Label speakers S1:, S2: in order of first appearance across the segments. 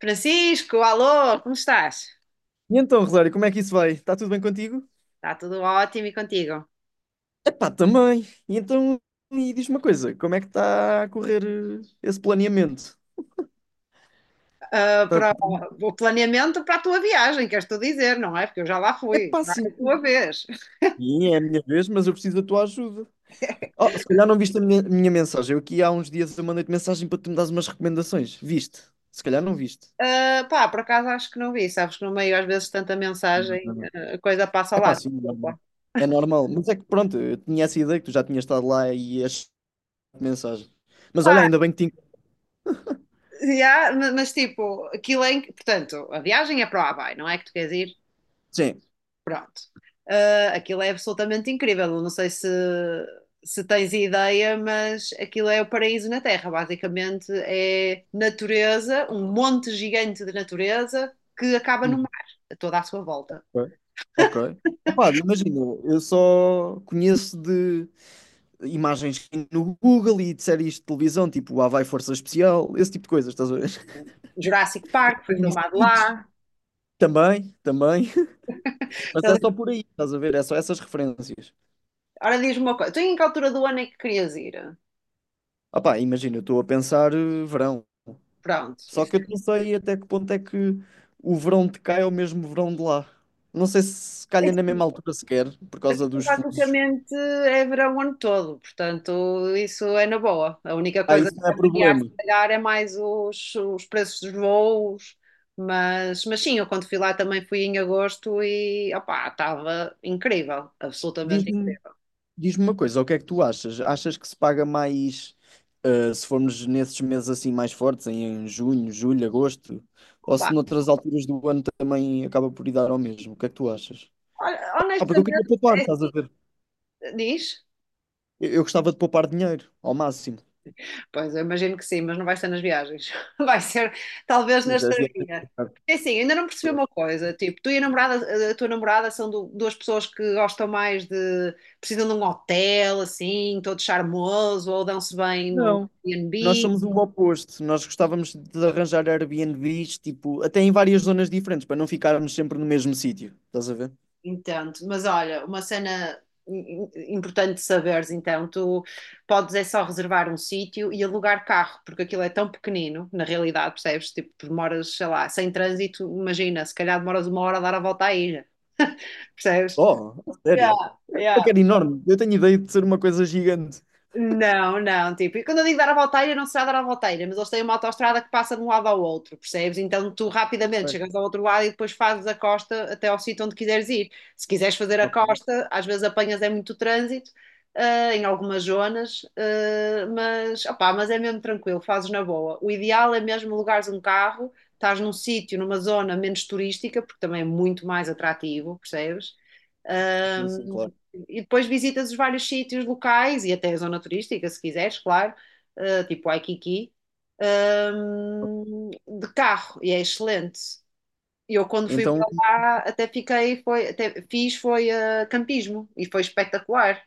S1: Francisco, alô, como estás?
S2: E então, Rosário, como é que isso vai? Está tudo bem contigo?
S1: Está tudo ótimo e contigo?
S2: Epá, também. E então, e diz uma coisa, como é que está a correr esse planeamento?
S1: Ah,
S2: Tá-
S1: para o planeamento para a tua viagem, queres tu dizer, não é? Porque eu já lá fui,
S2: Epá,
S1: vai a
S2: sim.
S1: tua vez.
S2: Sim, é a minha vez, mas eu preciso da tua ajuda. Oh, se calhar não viste a minha mensagem. Eu aqui há uns dias eu mandei-te mensagem para tu me dares umas recomendações. Viste? Se calhar não viste.
S1: Ah, pá, por acaso acho que não vi, sabes que no meio às vezes tanta
S2: Não,
S1: mensagem,
S2: não, não.
S1: a coisa passa ao
S2: Epá,
S1: lado,
S2: sim, é normal.
S1: desculpa.
S2: É normal. Mas é que pronto, eu tinha essa ideia que tu já tinhas estado lá e achaste mensagem. Mas
S1: Pá,
S2: olha, ainda bem que
S1: já, mas tipo, aquilo é, em que- portanto, a viagem é para o Havaí, não é que tu queres ir?
S2: Sim.
S1: Pronto. Ah, aquilo é absolutamente incrível. Eu não sei se tens ideia, mas aquilo é o paraíso na Terra. Basicamente é natureza, um monte gigante de natureza que acaba no mar, a toda à sua volta.
S2: Ok. Ok. Opá, imagina, eu só conheço de imagens no Google e de séries de televisão, tipo Lá vai Força Especial, esse tipo de coisas, estás a ver?
S1: Jurassic Park foi
S2: Ou em
S1: filmado
S2: Stitch.
S1: lá.
S2: Também, também. Mas é só
S1: Ele-
S2: por aí, estás a ver? É só essas referências.
S1: Ora, diz-me uma coisa: tu em que altura do ano é que querias ir?
S2: Opá, imagina, eu estou a pensar verão.
S1: Pronto,
S2: Só que eu não sei até que ponto é que o verão de cá é o mesmo verão de lá. Não sei se calha na
S1: é
S2: mesma altura sequer, por causa dos fusos.
S1: basicamente é verão o ano todo, portanto, isso é na boa. A única
S2: Ah,
S1: coisa que
S2: isso não é
S1: vai variar, se
S2: problema.
S1: calhar, é mais os preços dos voos, mas sim, eu quando fui lá também fui em agosto e opá, estava incrível, absolutamente
S2: Diz-me
S1: incrível.
S2: Diz-me uma coisa, o que é que tu achas? Achas que se paga mais, se formos nesses meses assim mais fortes, em junho, julho, agosto, ou
S1: Pá,
S2: se noutras alturas do ano também acaba por ir dar ao mesmo? O que é que tu achas?
S1: olha,
S2: Ah, porque eu
S1: honestamente,
S2: queria poupar, estás a ver?
S1: diz.
S2: Eu gostava de poupar dinheiro, ao máximo.
S1: Pois, eu imagino que sim, mas não vai ser nas viagens. Vai ser talvez na
S2: Mas as viagens-
S1: estadia. É assim, ainda não percebi uma coisa, tipo, tu e a namorada, a tua namorada são duas pessoas que gostam mais precisam de um hotel, assim, todo charmoso, ou dão-se bem num
S2: Não. Nós
S1: Airbnb.
S2: somos o oposto. Nós gostávamos de arranjar Airbnbs, tipo, até em várias zonas diferentes, para não ficarmos sempre no mesmo sítio. Estás a ver?
S1: Entendo, mas olha, uma cena im- importante de saberes, então, tu podes é só reservar um sítio e alugar carro, porque aquilo é tão pequenino, na realidade, percebes? Tipo, tu demoras, sei lá, sem trânsito, imagina, se calhar demoras 1 hora a dar a volta à ilha, percebes?
S2: Oh, a sério?
S1: Yeah,
S2: É
S1: yeah.
S2: um enorme. Eu tenho ideia de ser uma coisa gigante.
S1: Não, não, tipo, e quando eu digo dar a volteira, não será dar a volteira, mas eles têm uma autoestrada que passa de um lado ao outro, percebes? Então tu rapidamente
S2: Ok,
S1: chegas ao outro lado e depois fazes a costa até ao sítio onde quiseres ir. Se quiseres fazer a
S2: ok,
S1: costa, às vezes apanhas é muito trânsito, em algumas zonas, opá, mas é mesmo tranquilo, fazes na boa. O ideal é mesmo alugares um carro, estás num sítio, numa zona menos turística, porque também é muito mais atrativo, percebes?
S2: sim, sim,
S1: Um,
S2: claro.
S1: e depois visitas os vários sítios locais e até a zona turística, se quiseres, claro, tipo Waikiki, um, de carro, e é excelente. Eu quando fui
S2: Então,
S1: para lá até fiz foi campismo e foi espetacular,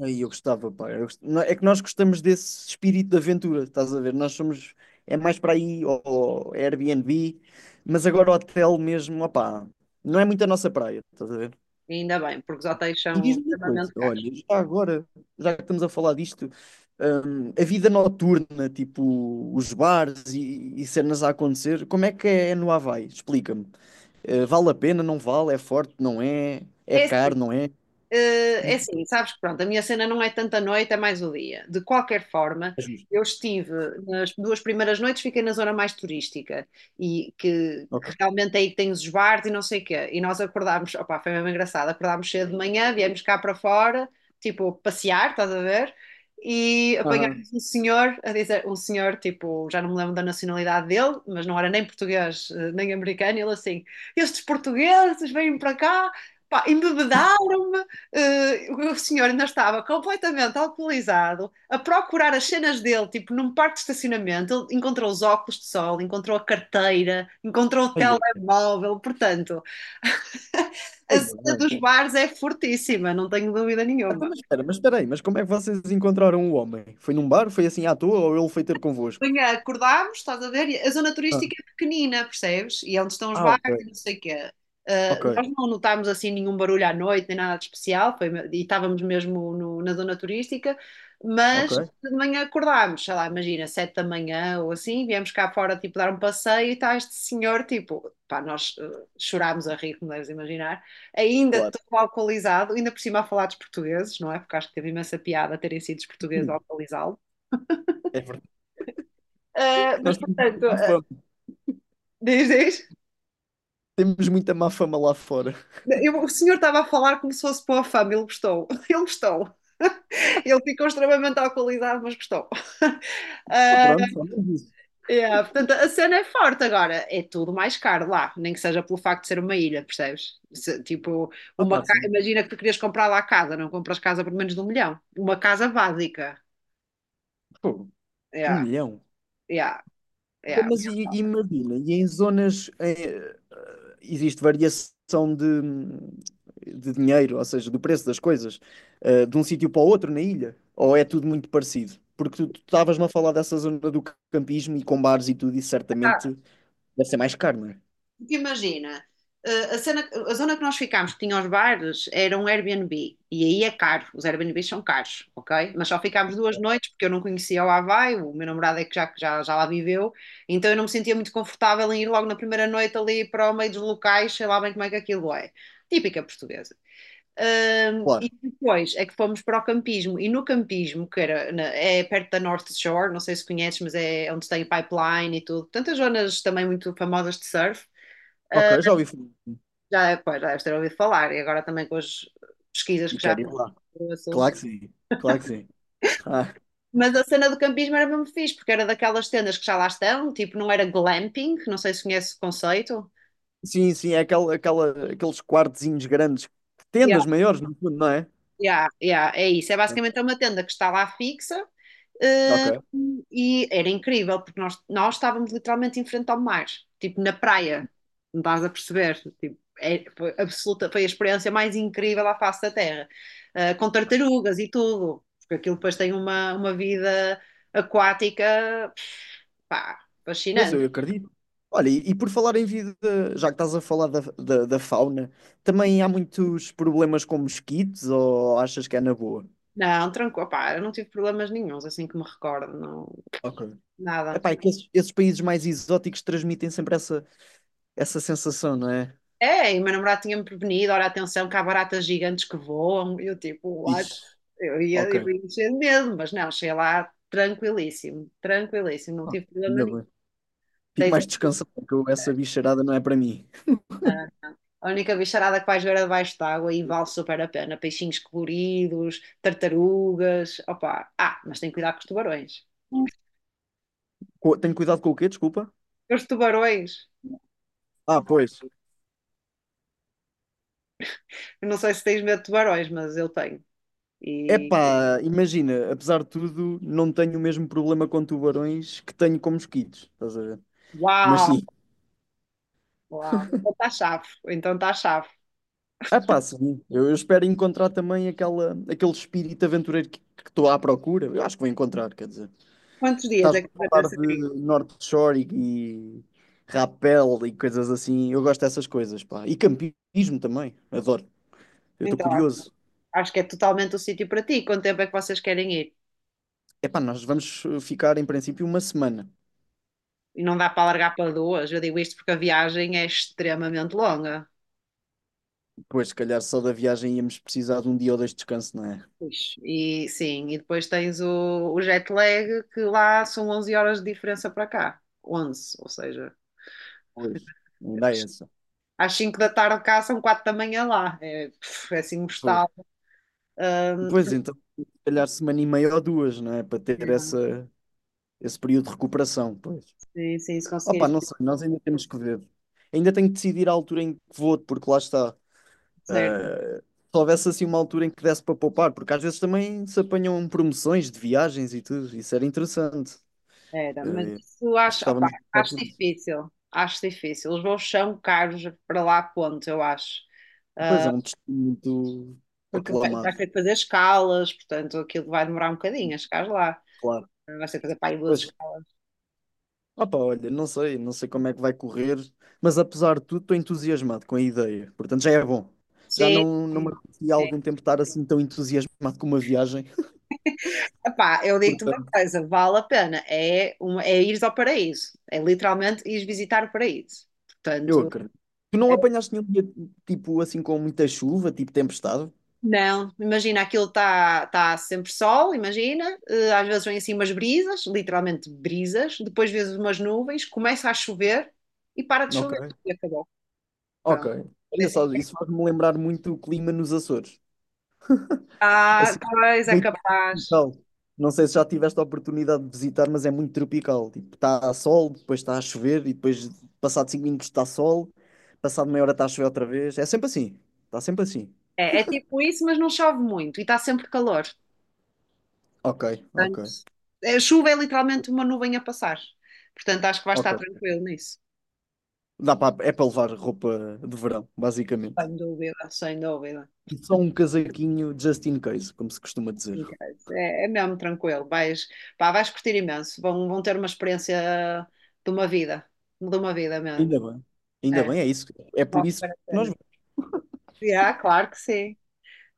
S2: aí eu gostava, pá. Não, é que nós gostamos desse espírito de aventura, estás a ver? Nós somos. É mais para aí, ou Airbnb, mas agora hotel mesmo, opá, não é muito a nossa praia, estás a ver?
S1: ainda bem, porque os hotéis
S2: E
S1: são
S2: diz-me uma coisa,
S1: extremamente
S2: olha,
S1: caros.
S2: já agora, já que estamos a falar disto, a vida noturna, tipo os bares e cenas a acontecer, como é que é no Havaí? Explica-me. Eh, vale a pena, não vale? É forte, não é? É
S1: É
S2: caro,
S1: assim,
S2: não é?
S1: Eh, é
S2: Diz-
S1: assim, sabes que pronto, a minha cena não é tanto a noite, é mais o dia. De qualquer forma,
S2: É justo.
S1: eu estive nas duas primeiras noites, fiquei na zona mais turística e que
S2: Ok.
S1: realmente é aí que tem os bares e não sei o quê. E nós acordámos, opá, foi mesmo engraçado, acordámos cedo de manhã, viemos cá para fora, tipo, passear, estás a ver? E
S2: Aham.
S1: apanhámos um senhor a dizer, um senhor, tipo, já não me lembro da nacionalidade dele, mas não era nem português, nem americano, ele assim, estes portugueses vêm para cá, pá, embebedaram-me, o senhor ainda estava completamente alcoolizado, a procurar as cenas dele, tipo, num parque de estacionamento, ele encontrou os óculos de sol, encontrou a carteira, encontrou o
S2: Aí eu.
S1: telemóvel, portanto, a
S2: Aí eu,
S1: cena
S2: bem.
S1: dos bares é fortíssima, não tenho dúvida
S2: Ah, então,
S1: nenhuma.
S2: mas espera aí, mas como é que vocês encontraram o homem? Foi num bar? Foi assim à toa ou ele foi ter convosco?
S1: Manhã acordámos, estás a ver? E a zona
S2: Ah,
S1: turística é pequenina, percebes? E é onde estão os
S2: ah,
S1: bares
S2: ok.
S1: e não sei o quê. Ah,
S2: Ok,
S1: nós não notámos assim nenhum barulho à noite, nem nada de especial, foi, e estávamos mesmo na zona turística, mas
S2: ok.
S1: de manhã acordámos, sei lá, imagina, 7 da manhã ou assim, viemos cá fora, tipo, dar um passeio e está este senhor, tipo, pá, nós chorámos a rir, como deves imaginar, ainda
S2: Claro.
S1: todo alcoolizado, ainda por cima a falar dos portugueses, não é? Porque acho que teve imensa piada terem sido os portugueses a
S2: Sim,
S1: alcoolizá-lo.
S2: é verdade.
S1: Mas,
S2: Nós temos muita
S1: portanto,
S2: má fama.
S1: diz, diz.
S2: Temos muita má fama lá fora.
S1: O senhor estava a falar como se fosse para a fama, ele gostou. Ele gostou. Ele ficou extremamente à qualidade, mas gostou.
S2: Ah,
S1: Ah,
S2: pronto, ao menos isso.
S1: yeah, portanto, a cena é forte agora. É tudo mais caro lá, nem que seja pelo facto de ser uma ilha, percebes? Se, tipo,
S2: Ah, pá, sim.
S1: imagina que tu querias comprar lá a casa, não compras casa por menos de 1 milhão. Uma casa básica.
S2: Pô, um
S1: Yeah,
S2: milhão.
S1: yeah,
S2: Pô,
S1: yeah.
S2: mas e imagina, e em zonas, existe variação de dinheiro, ou seja, do preço das coisas, de um sítio para o outro na ilha? Ou é tudo muito parecido? Porque tu estavas-me a falar dessa zona do campismo e com bares e tudo, e certamente deve ser mais caro, não é?
S1: Porque imagina, a zona que nós ficámos, que tinha os bares, era um Airbnb. E aí é caro, os Airbnbs são caros, ok? Mas só ficámos 2 noites, porque eu não conhecia o Havaí, o meu namorado é que já lá viveu, então eu não me sentia muito confortável em ir logo na primeira noite ali para o meio dos locais, sei lá bem como é que aquilo é. Típica portuguesa. E
S2: Claro.
S1: depois é que fomos para o campismo, e no campismo, que era é perto da North Shore, não sei se conheces, mas é onde tem o pipeline e tudo, tantas zonas também muito famosas de surf.
S2: Ok, eu já ouvi falar.
S1: Já, pois, já deves ter ouvido falar, e agora também com as pesquisas
S2: E
S1: que já
S2: quero ir
S1: fiz
S2: lá.
S1: sobre o
S2: Claro
S1: assunto.
S2: que sim, claro que sim. Ah,
S1: Mas a cena do campismo era mesmo fixe, porque era daquelas tendas que já lá estão, tipo, não era glamping, não sei se conhece o conceito.
S2: sim, sim, é aqueles quartezinhos grandes,
S1: Yeah,
S2: tendas maiores, no fundo, não é?
S1: yeah, yeah, é isso. É basicamente uma tenda que está lá fixa.
S2: Ok.
S1: E era incrível, porque nós estávamos literalmente em frente ao mar, tipo na praia, não estás a perceber? Tipo, foi a experiência mais incrível à face da Terra, ah, com tartarugas e tudo, porque aquilo depois tem uma vida aquática, pá,
S2: Mas eu
S1: fascinante.
S2: acredito. Olha, e por falar em vida, já que estás a falar da fauna, também há muitos problemas com mosquitos ou achas que é na boa?
S1: Não, tranquilo, pá, eu não tive problemas nenhuns, assim que me recordo, não,
S2: Ok.
S1: nada.
S2: Epá, é que esses países mais exóticos transmitem sempre essa, essa sensação, não é?
S1: É, e o meu namorado tinha-me prevenido, olha, atenção, que há baratas gigantes que voam, e eu tipo,
S2: Isso.
S1: Eu ia,
S2: Ok.
S1: eu ia encher de medo, mas não, cheguei lá tranquilíssimo, tranquilíssimo, não
S2: Ah,
S1: tive problema
S2: ainda
S1: nenhum.
S2: bem. Fico
S1: Tens
S2: mais
S1: a
S2: descansado, porque essa bicharada não é para mim.
S1: a única bicharada que vais ver é debaixo d'água e vale super a pena. Peixinhos coloridos, tartarugas, opá. Ah, mas tem que cuidar com os tubarões.
S2: Tenho cuidado com o quê? Desculpa.
S1: Os tubarões,
S2: Ah, pois.
S1: eu não sei se tens medo de tubarões, mas eu tenho. E
S2: Epá, imagina, apesar de tudo, não tenho o mesmo problema com tubarões que tenho com mosquitos, estás a ver? Mas
S1: uau,
S2: sim.
S1: uau, então está chave, então está chave.
S2: Ah, pá, sim. Eu espero encontrar também aquela, aquele espírito aventureiro que estou à procura. Eu acho que vou encontrar, quer dizer.
S1: Quantos dias
S2: Estás a
S1: é que tu vais a
S2: falar
S1: seguir?
S2: de North Shore e rapel e coisas assim. Eu gosto dessas coisas, pá. E campismo também. Adoro. Eu estou
S1: Então, acho
S2: curioso.
S1: acho que é totalmente o sítio para ti. Quanto tempo é que vocês querem ir?
S2: É pá, nós vamos ficar em princípio uma semana.
S1: E não dá para largar para duas. Eu digo isto porque a viagem é extremamente longa.
S2: Depois, se calhar, só da viagem íamos precisar de um dia ou dois de descanso, não é?
S1: Pois. E sim, e depois tens o jet lag, que lá são 11 horas de diferença para cá. 11, ou seja,
S2: Pois, ainda é
S1: às,
S2: essa.
S1: às 5 da tarde cá são 4 da manhã lá. É, puf, é assim,
S2: Fogo.
S1: mortal.
S2: Pois então, se calhar semana e meia ou duas, não é? Para ter essa, esse período de recuperação. Pois.
S1: Sim, sim, se conseguir
S2: Opa,
S1: isso,
S2: não sei, nós ainda temos que ver. Ainda tenho que decidir a altura em que vou, porque lá está.
S1: certo.
S2: Se houvesse assim uma altura em que desse para poupar, porque às vezes também se apanham promoções de viagens e tudo, isso era interessante.
S1: Era, mas
S2: Eh,
S1: isso
S2: nós
S1: acho, opá,
S2: gostávamos de passar
S1: acho
S2: por isso.
S1: difícil. Acho difícil. Os voos são caros para lá, ponto, eu acho.
S2: Pois é, um destino muito
S1: Porque vai
S2: aclamado,
S1: ter que fazer escalas, portanto, aquilo vai demorar um bocadinho a chegar lá.
S2: claro.
S1: Não sei fazer para em duas
S2: Pois,
S1: escalas.
S2: opa, olha, não sei, não sei como é que vai correr, mas apesar de tudo, estou entusiasmado com a ideia, portanto já é bom. Já
S1: Sim,
S2: não me
S1: sim.
S2: acontecia há
S1: sim.
S2: algum tempo estar assim tão entusiasmado com uma viagem,
S1: Epá, eu digo-te uma
S2: portanto.
S1: coisa, vale a pena. É, é ires ao paraíso. É literalmente ires visitar o paraíso.
S2: Eu
S1: Portanto,
S2: acredito. Tu não apanhaste nenhum dia, tipo, assim, com muita chuva, tipo tempestade?
S1: não, imagina, aquilo está tá sempre sol, imagina. Às vezes vem assim umas brisas, literalmente brisas. Depois vês umas nuvens, começa a chover e para de chover.
S2: Ok,
S1: E acabou. Pronto.
S2: ok.
S1: É
S2: Olha
S1: assim.
S2: só, isso faz-me lembrar muito o clima nos Açores.
S1: Ah,
S2: Assim,
S1: pois é
S2: meio
S1: capaz.
S2: tropical. Não sei se já tiveste a oportunidade de visitar, mas é muito tropical. Tipo, está a sol, depois está a chover, e depois, passado 5 minutos, está sol, passado meia hora está a chover outra vez. É sempre assim. Está sempre assim.
S1: É tipo isso, mas não chove muito e está sempre calor.
S2: Ok, ok,
S1: Portanto, a chuva é literalmente uma nuvem a passar. Portanto, acho que vai estar
S2: ok.
S1: tranquilo nisso.
S2: Dá para, é para levar roupa de verão, basicamente.
S1: Sem dúvida, sem dúvida.
S2: E só um casaquinho just in case, como se costuma dizer.
S1: É mesmo tranquilo. Pá, vais curtir imenso. Vão ter uma experiência de uma vida, de uma vida mesmo.
S2: Ainda bem, ainda
S1: É,
S2: bem, é isso. É por
S1: vale
S2: isso que
S1: super a
S2: nós
S1: pena.
S2: vamos.
S1: Yeah, claro que sim,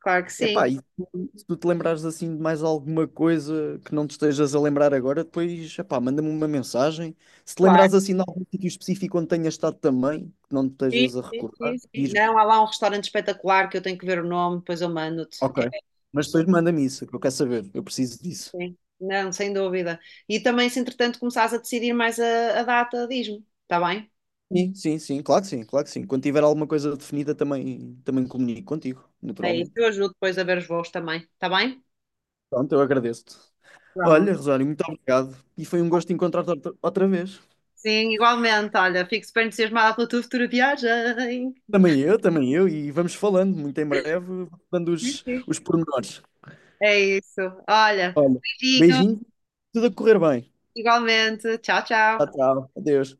S1: claro que sim,
S2: Epá, se tu te lembrares assim de mais alguma coisa que não te estejas a lembrar agora, depois, epá, manda-me uma mensagem. Se te
S1: claro.
S2: lembrares assim de algum sítio específico onde tenhas estado também, que não te
S1: Sim,
S2: estejas a
S1: sim,
S2: recordar,
S1: sim, sim.
S2: diz-me.
S1: Não, há lá um restaurante espetacular que eu tenho que ver o nome, depois eu mando-te,
S2: Ok.
S1: que é...
S2: Mas depois manda-me isso, que eu quero saber, eu preciso disso.
S1: Sim. Não, sem dúvida. E também, se entretanto começares a decidir mais a data, diz-me, está bem?
S2: Sim, claro que sim, claro que sim. Quando tiver alguma coisa definida, também comunico contigo,
S1: É isso,
S2: naturalmente.
S1: eu ajudo depois a ver os voos também, está bem?
S2: Pronto, eu agradeço-te.
S1: Pronto.
S2: Olha, Rosário, muito obrigado. E foi um gosto encontrar-te outra vez.
S1: Sim, igualmente, olha, fico super entusiasmada pela tua futura viagem.
S2: Também eu, e vamos falando muito em breve, dando os pormenores.
S1: É isso, olha,
S2: Olha,
S1: beijinho,
S2: beijinho, tudo a correr bem.
S1: igualmente, tchau,
S2: Tchau,
S1: tchau.
S2: tchau. Adeus.